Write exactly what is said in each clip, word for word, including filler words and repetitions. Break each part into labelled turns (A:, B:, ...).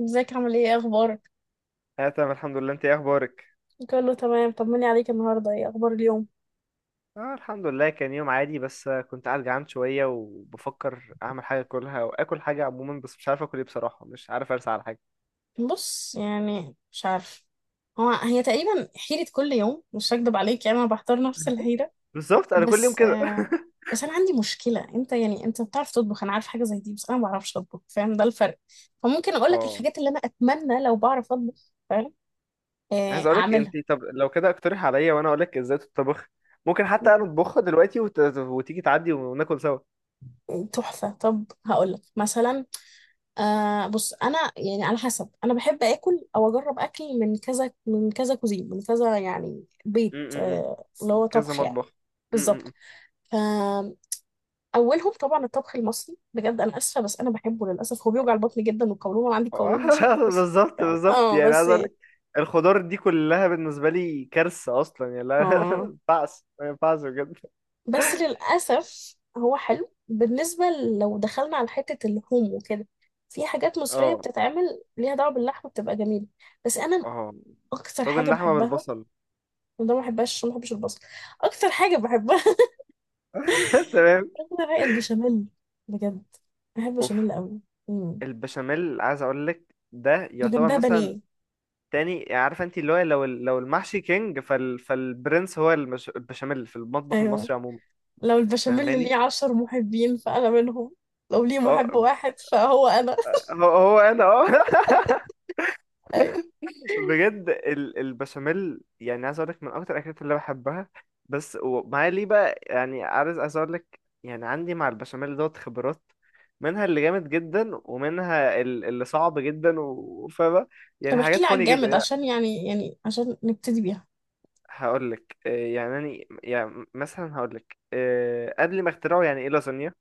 A: ازيك؟ عامل ايه ايه اخبارك؟
B: اه، تمام الحمد لله. انت ايه اخبارك؟
A: كله تمام، طمني عليك. النهارده ايه اخبار اليوم؟
B: اه الحمد لله، كان يوم عادي بس كنت قاعد جعان شويه وبفكر اعمل حاجه اكلها واكل حاجه عموما، بس مش عارف اكل ايه بصراحه، مش عارف ارسى على حاجه.
A: بص، يعني مش عارف. هو هي تقريبا حيرة كل يوم، مش هكدب عليك، يعني انا بحضر نفس الحيرة.
B: بالظبط انا كل يوم
A: بس
B: كده.
A: آه بس انا عندي مشكلة. انت يعني انت بتعرف تطبخ، انا عارف حاجة زي دي، بس انا ما بعرفش اطبخ، فاهم ده الفرق. فممكن اقول لك
B: اه.
A: الحاجات اللي انا اتمنى لو بعرف اطبخ، فاهم. آه،
B: عايز اقولك انت،
A: اعملها.
B: طب لو كده اقترح عليا وانا اقولك ازاي تطبخ. ممكن حتى انا اطبخها دلوقتي وت... وتيجي تعدي وناكل سوا.
A: تحفة. طب هقول لك مثلا. آه بص، انا يعني على حسب، انا بحب اكل او اجرب اكل من كذا، من كذا كوزين، من كذا، يعني
B: م-
A: بيت،
B: م-
A: آه اللي
B: م.
A: هو
B: كذا
A: طبخ يعني.
B: مطبخ. م-
A: بالظبط،
B: م-
A: فاولهم طبعا الطبخ المصري، بجد انا اسفه بس انا بحبه. للاسف هو بيوجع
B: م.
A: البطن جدا والقولون، انا عندي
B: آه،
A: قولون مش قادره، بس
B: بالظبط
A: فاهم.
B: بالظبط،
A: اه،
B: يعني عايز
A: بس.
B: اقول لك الخضار دي كلها بالنسبه لي كارثه اصلا، يعني لا. ما
A: اه
B: ينفعش، ما ينفعش بجد.
A: بس للاسف هو حلو بالنسبه، ل- لو دخلنا على حته اللحوم وكده، في حاجات مصريه
B: اه.
A: بتتعمل ليها دعوه باللحمه بتبقى جميله. بس انا
B: اه.
A: اكتر
B: طاجن
A: حاجه
B: لحمه
A: بحبها،
B: بالبصل.
A: ده ما بحبهاش عشان ما بحبش البصل. اكتر حاجه بحبها
B: تمام.
A: اكتر حاجه البشاميل، بجد، بحب
B: اوف.
A: البشاميل قوي. امم
B: البشاميل، عايز اقول لك ده يعتبر
A: وجنبها
B: مثلا
A: بانيه.
B: تاني. يعني عارفه انت، اللي هو لو ال- لو المحشي كينج فال فالبرنس، هو المش... البشاميل في المطبخ
A: ايوه،
B: المصري عموما.
A: لو البشاميل اللي
B: فاهماني.
A: ليه عشر محبين فانا منهم، لو ليه
B: اه.
A: محب واحد فهو انا.
B: هو هو انا، اه.
A: ايوه.
B: بجد ال- البشاميل يعني عايز اقول لك من اكتر الاكلات اللي بحبها. بس ومعايا ليه بقى، يعني عايز عايز اقول لك، يعني عندي مع البشاميل دوت خبرات. منها اللي جامد جدا، ومنها ال- اللي صعب جدا، و- وفاهمة
A: طب
B: يعني
A: احكي
B: حاجات
A: لي على
B: فاني جدا
A: الجامد،
B: يعني.
A: عشان يعني يعني عشان نبتدي بيها.
B: هقول لك يعني أنا- يعني مثلا هقول لك، قبل ما اخترعوا يعني ايه لازانيا.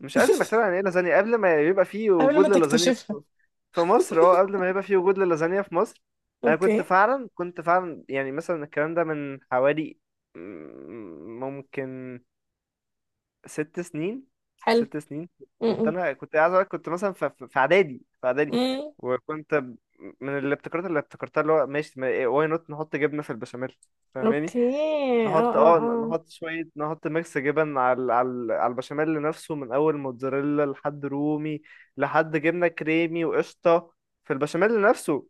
B: مش قبل ما اخترع يعني ايه لازانيا، قبل ما يبقى في
A: قبل ما
B: وجود للازانيا في
A: تكتشفها.
B: مصر. في مصر اه، قبل ما يبقى في وجود للازانيا في مصر. انا كنت
A: اوكي،
B: فعلا، كنت فعلا، يعني مثلا الكلام ده من حوالي م- ممكن ست سنين.
A: حلو.
B: ست سنين. كنت
A: م-
B: انا، كنت عايز اقول لك، كنت مثلا في في- في اعدادي، في اعدادي.
A: م. م.
B: وكنت ب- من الابتكارات اللي ابتكرتها اللي هو ماشي، واي نوت نحط جبنه في البشاميل. فاهماني.
A: اوكي. اه
B: نحط
A: اه
B: اه،
A: آه.
B: نحط شوية، نحط ميكس جبن على على على البشاميل نفسه، من أول موتزاريلا لحد رومي، لحد جبنة كريمي وقشطة في البشاميل نفسه.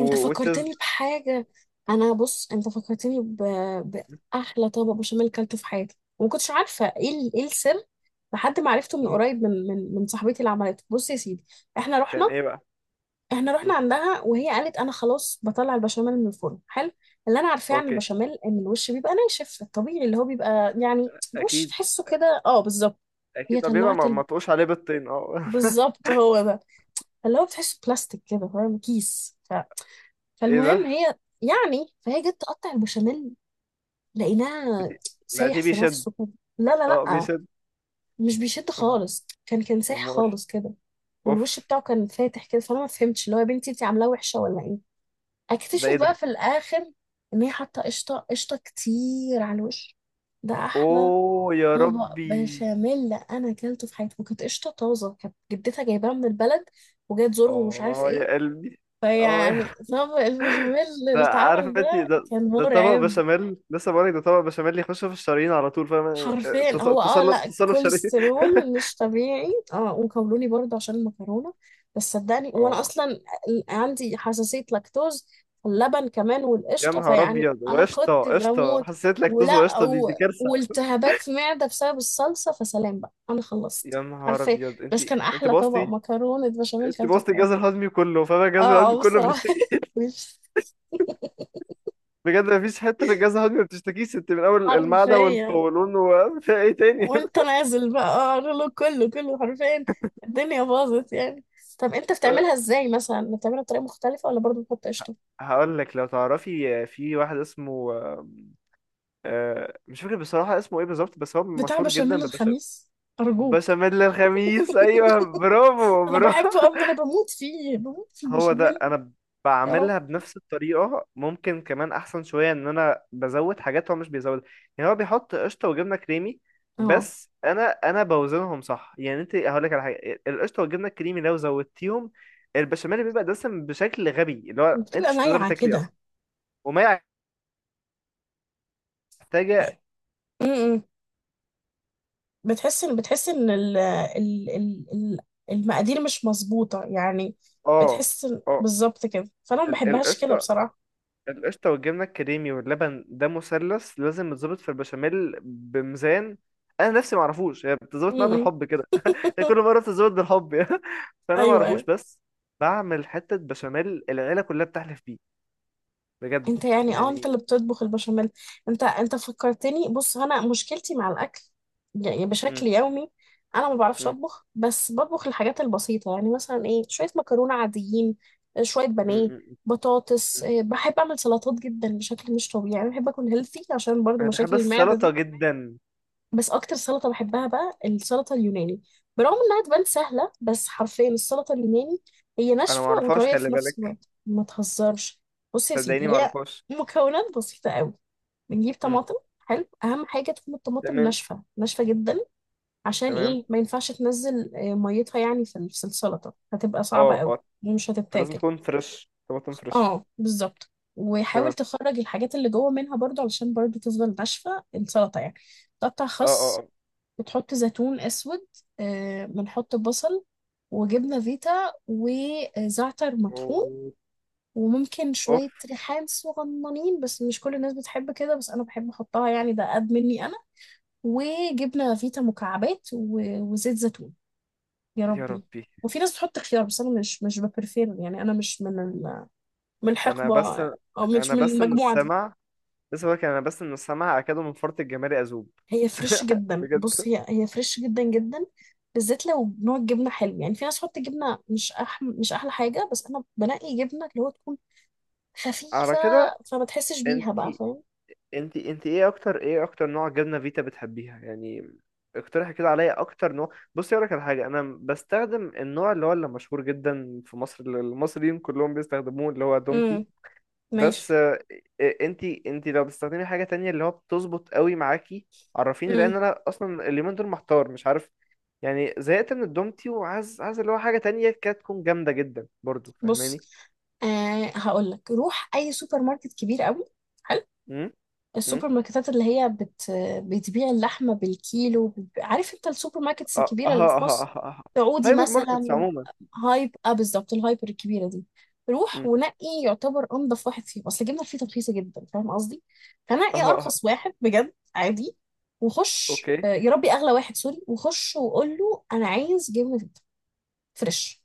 A: انت
B: which is.
A: فكرتني بحاجة. انا بص، انت فكرتني ب... بأحلى طبق بشاميل كلته في حياتي، وما كنتش عارفة ايه ال... ايه السر، لحد ما عرفته من
B: مم.
A: قريب، من من من صاحبتي اللي عملته. بص يا سيدي، احنا
B: كان
A: رحنا
B: ايه بقى؟
A: احنا
B: مم.
A: رحنا عندها وهي قالت انا خلاص بطلع البشاميل من الفرن. حلو. اللي انا عارفاه عن
B: اوكي.
A: البشاميل ان الوش بيبقى ناشف، الطبيعي اللي هو بيبقى يعني الوش
B: أكيد.
A: تحسه كده. اه، بالظبط.
B: أكيد،
A: هي
B: طب بيبقى
A: طلعت
B: ما
A: ال...
B: ما تقوش عليه بالطين، اه.
A: بالظبط، هو ده اللي هو بتحسه بلاستيك كده، فاهم، كيس.
B: ايه
A: فالمهم
B: ده؟
A: هي، يعني فهي جت تقطع البشاميل، لقيناها
B: لا
A: سايح
B: دي
A: في
B: بيشد،
A: نفسه كده. لا لا
B: اه
A: لا،
B: بيشد.
A: مش بيشد
B: أم-
A: خالص، كان كان سايح
B: أمال.
A: خالص كده. والوش
B: اوف.
A: بتاعه كان فاتح كده، فانا ما فهمتش، اللي هو يا بنتي انت عاملاه وحشه ولا ايه.
B: ده
A: اكتشف
B: ايه
A: بقى
B: ده؟
A: في الاخر ان هي حاطه قشطه قشطه كتير على الوش. ده احلى
B: اوه يا
A: طبق
B: ربي.
A: بشاميل انا اكلته في حياتي، وكانت قشطه طازه، كانت جدتها جايباها من البلد وجايه تزورهم ومش عارف
B: اه
A: ايه.
B: يا قلبي.
A: فيعني
B: اه،
A: طبق البشاميل اللي
B: ده عارف
A: اتعمل
B: انت
A: ده
B: ده،
A: كان
B: ده طبق
A: مرعب.
B: بشاميل، لسه بقولك ده طبق بشاميل يخش في الشرايين على طول، فاهم؟
A: حرفيا
B: تص-
A: هو، اه،
B: تصلب،
A: لا
B: تصلب شرايين.
A: كوليسترول مش طبيعي، اه، وقولوني برضه عشان المكرونة. بس صدقني، وانا
B: اه.
A: اصلا عندي حساسية لاكتوز، اللبن كمان
B: يا
A: والقشطة،
B: نهار
A: فيعني
B: ابيض،
A: انا
B: وقشطه
A: كنت
B: قشطه
A: بموت.
B: حسيت لك طز،
A: ولا
B: وقشطه دي،
A: و...
B: دي كارثه.
A: والتهابات معدة بسبب الصلصة، فسلام بقى، انا خلصت
B: يا نهار
A: حرفيا.
B: ابيض انت،
A: بس كان
B: انت
A: احلى طبق
B: بوظتي،
A: مكرونة بشاميل
B: انت
A: كلته في
B: بوظتي
A: حياتي.
B: الجهاز الهضمي كله، فاهم؟
A: اه،
B: الجهاز الهضمي
A: آه،
B: كله
A: بصراحة
B: بيشتكي.
A: مش
B: بجد مفيش حته في الجهاز الهضمي ما بتشتكيش، انت من اول المعده
A: حرفيا.
B: والقولون وفي ايه تاني.
A: وانت نازل بقى اقرا له، كله كله حرفيا، الدنيا باظت يعني. طب انت بتعملها ازاي؟ مثلا بتعملها بطريقه مختلفه ولا برضو بتحط قشطه؟
B: هقول لك، لو تعرفي في واحد اسمه، آه، مش فاكر بصراحه اسمه ايه بالظبط، بس هو
A: بتاع
B: مشهور
A: بشاميل
B: جدا.
A: الخميس؟ ارجوك.
B: بشاميل الخميس، ايوه برافو
A: انا
B: برافو.
A: بحبه قوي، انا بموت فيه، بموت في
B: هو ده.
A: البشاميل.
B: انا
A: يا رب.
B: بعملها بنفس الطريقه، ممكن كمان احسن شويه ان انا بزود حاجات هو مش بيزود. يعني هو بيحط قشطه وجبنه كريمي،
A: اه.
B: بس انا انا بوزنهم صح. يعني انت هقول لك على حاجه، القشطه والجبنه الكريمي لو زودتيهم، البشاميل بيبقى دسم بشكل غبي، اللي هو انت
A: وبتبقى
B: مش هتقدري
A: مايعه
B: تاكلي اصلا.
A: كده.
B: وما محتاجه.
A: م-م. بتحس ان بتحس ان ال ال ال ال- المقادير مش مظبوطه يعني.
B: اه.
A: بتحس إن-
B: اه.
A: بالظبط كده، فانا ما
B: ال-
A: بحبهاش كده
B: القشطه،
A: بصراحه.
B: القشطة والجبنة الكريمي واللبن، ده مثلث لازم يتظبط في البشاميل بميزان. أنا نفسي معرفوش، هي بتظبط معايا
A: م-م.
B: بالحب كده. هي كل مرة بتظبط بالحب. يعني فأنا
A: ايوه،
B: معرفوش،
A: ايوه.
B: بس بعمل حتة بشاميل العيلة كلها بتحلف بيه، بجد.
A: انت يعني، اه، انت
B: يعني.
A: اللي بتطبخ البشاميل. انت انت فكرتني. بص، انا مشكلتي مع الاكل يعني
B: م-
A: بشكل يومي. انا ما بعرفش
B: م-
A: اطبخ، بس بطبخ الحاجات البسيطه، يعني مثلا ايه، شويه مكرونه عاديين، آه، شويه
B: م-
A: بانيه،
B: م- م-
A: بطاطس،
B: م.
A: آه، بحب اعمل سلطات جدا بشكل مش طبيعي. يعني بحب اكون هيلثي عشان برضو
B: أنا بحب
A: مشاكل المعده
B: السلطة
A: دي.
B: جدا.
A: بس اكتر سلطه بحبها بقى السلطه اليوناني، برغم انها تبان سهله، بس حرفيا السلطه اليوناني، هي
B: أنا
A: ناشفه
B: معرفهاش،
A: وطريه
B: خلي
A: في
B: بالك.
A: نفس الوقت، ما تهزرش. بص يا سيدي،
B: صدقيني
A: هي
B: معرفهاش.
A: مكونات بسيطه قوي. بنجيب
B: م.
A: طماطم، حلو، اهم حاجه تكون الطماطم
B: تمام.
A: ناشفه ناشفه جدا، عشان
B: تمام.
A: ايه؟ ما ينفعش تنزل آه، ميتها يعني، في ال- في السلطه، هتبقى صعبه
B: اه
A: قوي
B: اه.
A: ومش
B: فلازم
A: هتتاكل.
B: تكون فريش، طماطم فريش.
A: اه، بالظبط. وحاول
B: تمام.
A: تخرج الحاجات اللي جوه منها، برضو علشان برضو تفضل ناشفه السلطه يعني. تقطع
B: اه اه
A: خس،
B: اه.
A: بتحط زيتون اسود، آه، بنحط بصل وجبنه فيتا وزعتر مطحون.
B: أوه.
A: وممكن شويه
B: أوف.
A: ريحان صغننين، بس مش كل الناس بتحب كده، بس انا بحب احطها يعني، ده قد مني انا. وجبنه فيتا مكعبات، و- وزيت زيتون. يا
B: يا
A: ربي.
B: ربي.
A: وفي ناس بتحط خيار، بس انا مش مش ببرفير يعني، انا مش من ال- من
B: انا
A: الحقبه،
B: بس
A: او مش
B: انا
A: من
B: بس ان
A: المجموعه دي.
B: السمع لسه بقولك، انا بس ان السمع اكاد من فرط الجمال اذوب.
A: هي فريش جدا، بص
B: بجد.
A: هي هي فريش جدا جدا، بالذات لو نوع الجبنه حلو. يعني في ناس تحط جبنه مش أحم... مش احلى حاجه، بس انا بنقي جبنه اللي هو تكون
B: على
A: خفيفه،
B: كده.
A: فما تحسش بيها
B: انت
A: بقى، فاهم.
B: انت انت، ايه اكتر، ايه اكتر نوع جبنه فيتا بتحبيها يعني؟ اقترحي كده عليا اكتر نوع. بصي اقولك على حاجه، انا بستخدم النوع اللي هو اللي مشهور جدا في مصر، اللي المصريين كلهم بيستخدموه، اللي هو دومتي.
A: امم،
B: بس
A: ماشي.
B: انت انت لو بتستخدمي حاجه تانية اللي هو بتظبط قوي معاكي، عرفيني،
A: امم.
B: لان انا اصلا اليومين دول محتار مش عارف يعني. زهقت من الدومتي، وعايز عايز اللي هو حاجه تانية كانت تكون جامده جدا برضو،
A: بص،
B: فاهماني؟
A: آه هقول لك، روح اي سوبر ماركت كبير قوي، حلو.
B: امم. امم.
A: السوبر ماركتات اللي هي بت... بتبيع اللحمه بالكيلو. عارف انت السوبر ماركتس
B: اه اه.
A: الكبيره اللي
B: اه
A: في مصر،
B: اه اه.
A: سعودي
B: هايبر ماركتس
A: مثلا.
B: عموما.
A: هايب اه بالظبط، الهايبر الكبيره دي. روح
B: امم.
A: ونقي يعتبر انضف واحد فيهم، اصل الجبنه الفيتا رخيصه جدا، فاهم قصدي.
B: اه
A: فنقي
B: اه.
A: ارخص واحد، بجد عادي. وخش، آه،
B: اوكي.
A: يا ربي، اغلى واحد سوري، وخش وقول له انا عايز جبنه فيتا فريش.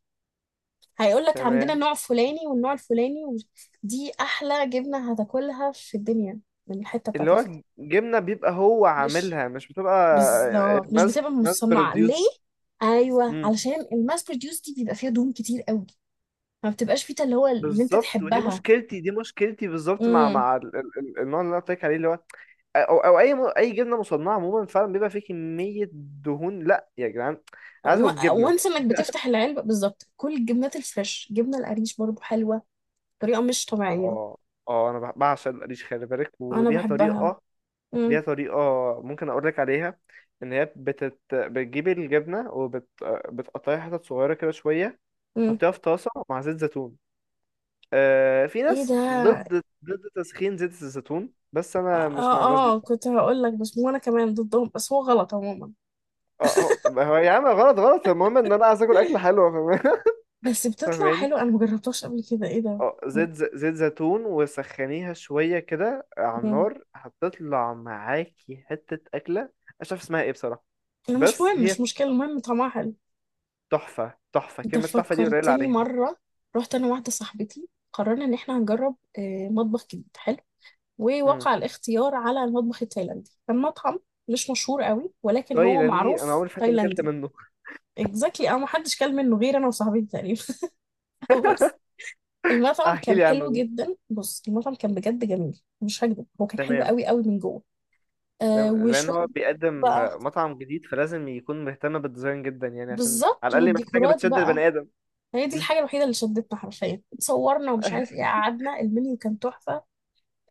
A: هيقول لك عندنا
B: تمام.
A: النوع الفلاني والنوع الفلاني و- دي احلى جبنه هتاكلها في الدنيا، من الحته بتاعت
B: اللي هو
A: الفيتا
B: جبنه بيبقى هو
A: فريش.
B: عاملها، مش بتبقى
A: بالظبط، مش
B: ماس،
A: بتبقى
B: ماس
A: مصنعه ليه.
B: بروديوس.
A: ايوه،
B: امم.
A: علشان الماس بروديوس دي بيبقى فيها دهون كتير قوي، ما بتبقاش فيتا اللي هو اللي انت
B: بالظبط، ودي
A: تحبها.
B: مشكلتي، دي مشكلتي بالظبط مع
A: امم.
B: مع ال- ال- ال- النوع اللي انا قلت لك عليه، اللي هو، او او اي م- اي جبنه مصنعه عموما، فعلا بيبقى فيه كميه دهون. لا يا جدعان، انا عايز اكل جبنه.
A: وانس انك بتفتح العلبة، بالظبط، كل الجبنات الفريش، جبنة القريش برضو حلوة بطريقة مش طبيعية،
B: اه اه. انا بع- بعشق القريش، خلي بالك،
A: انا
B: وليها
A: بحبها.
B: طريقه.
A: امم.
B: ليها طريقه، ممكن اقول لك عليها. ان هي بتت... بتجيب الجبنه وبتقطعها حتت صغيره كده شويه،
A: امم.
B: تحطيها في طاسه مع زيت زيتون. آه في
A: ايه ده.
B: ناس ضد ضد تسخين زيت الزيتون، بس انا مش مع الناس دي
A: اه، اه،
B: بصراحه.
A: كنت هقول لك، بس مو انا كمان ضدهم، بس هو غلط عموما.
B: اه. هو هو يا عم غلط، غلط، المهم ان انا عايز اكل، اكل حلو، فاهم-
A: بس بتطلع
B: فاهماني.
A: حلو، انا مجربتهاش قبل كده. ايه ده.
B: اه، زيت ز- زيت زيتون وسخنيها شوية كده على
A: امم.
B: النار، هتطلع معاكي حتة أكلة. مش عارف اسمها ايه بصراحة.
A: انا مش
B: بس
A: مهم، مش
B: هي
A: مشكلة، المهم طعمها حلو.
B: تحفة، تحفة،
A: انت
B: كلمة تحفة دي قليلة
A: فكرتني
B: عليها.
A: مرة، رحت انا واحدة صاحبتي، قررنا ان احنا هنجرب آه، مطبخ جديد حلو.
B: مم.
A: ووقع الاختيار على المطبخ التايلاندي، كان مطعم مش مشهور قوي ولكن هو
B: تايلاندي أنا
A: معروف
B: عمري في حياتي ما أكلت
A: تايلاندي.
B: منه.
A: اكزاكتلي، انا محدش كل منه غير انا وصاحبتي تقريبا بس المطعم
B: أحكي
A: كان
B: لي عنه
A: حلو
B: ده.
A: جدا، بص، المطعم كان بجد جميل، مش هكذب، هو كان حلو
B: تمام.
A: قوي قوي من جوه. آه
B: تمام، لأن
A: وشوية
B: هو بيقدم
A: بقى،
B: مطعم جديد، فلازم يكون مهتم بالديزاين جدا، يعني عشان على
A: بالظبط.
B: الأقل يبقى في حاجة
A: والديكورات
B: بتشد
A: بقى
B: البني آدم.
A: هي دي
B: مم.
A: الحاجة الوحيدة اللي شدتنا حرفيا، صورنا ومش عارف ايه، قعدنا، المنيو كان تحفة،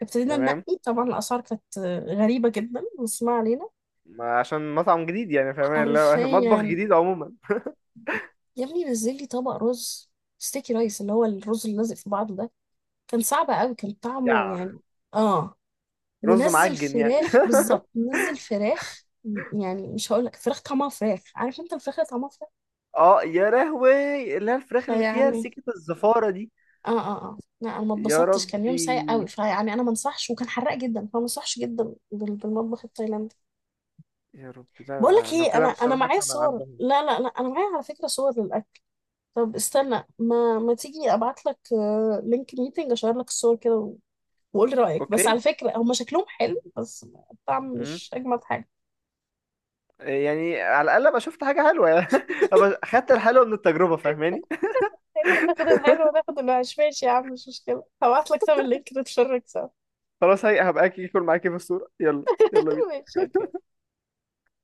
A: ابتدينا
B: تمام،
A: ننقي. طبعا الأسعار كانت آه، غريبة جدا، بس ما علينا،
B: ما عشان مطعم جديد، يعني فاهمين اللي هو
A: حرفيا.
B: مطبخ جديد عموما.
A: يا ابني، نزل لي طبق رز ستيكي رايس، اللي هو الرز اللي لازق في بعضه ده، كان صعب قوي، كان طعمه
B: يا
A: يعني، اه.
B: رز
A: ونزل
B: معجن يعني.
A: فراخ، بالظبط، نزل فراخ، م- يعني مش هقول لك فراخ طعمها فراخ، عارف انت الفراخ اللي طعمها فراخ؟
B: اه يا لهوي، اللي هي الفراخ اللي فيها
A: فيعني،
B: سكة الزفارة دي.
A: اه اه اه لا، انا ما
B: يا
A: اتبسطتش، كان يوم سيء قوي،
B: ربي،
A: فيعني انا ما انصحش، وكان حراق جدا، فما انصحش جدا، بال- بالمطبخ التايلاندي.
B: يا ربي،
A: بقول لك
B: لا لو
A: ايه، انا
B: كده مش
A: انا
B: هروح
A: معايا
B: اكل من
A: صور.
B: عندهم.
A: لا لا لا، انا معايا على فكره صور للاكل. طب استنى، ما ما تيجي ابعت لك لينك ميتنج اشير لك الصور كده، وقول رأيك. بس على
B: اوكي.
A: فكرة هما شكلهم حلو، بس الطعم
B: امم.
A: مش أجمد حاجة.
B: يعني على الاقل ابقى شفت حاجة حلوة، يعني ابقى خدت الحلوة من التجربة، فاهماني.
A: تاخد الحلو وتاخد الوحش، ماشي يا عم، مش مشكلة. هبعتلك طب اللينك نتفرج سوا.
B: خلاص، هي هبقى اكل معاكي في الصورة، يلا يلا بينا.
A: ماشي، اوكي.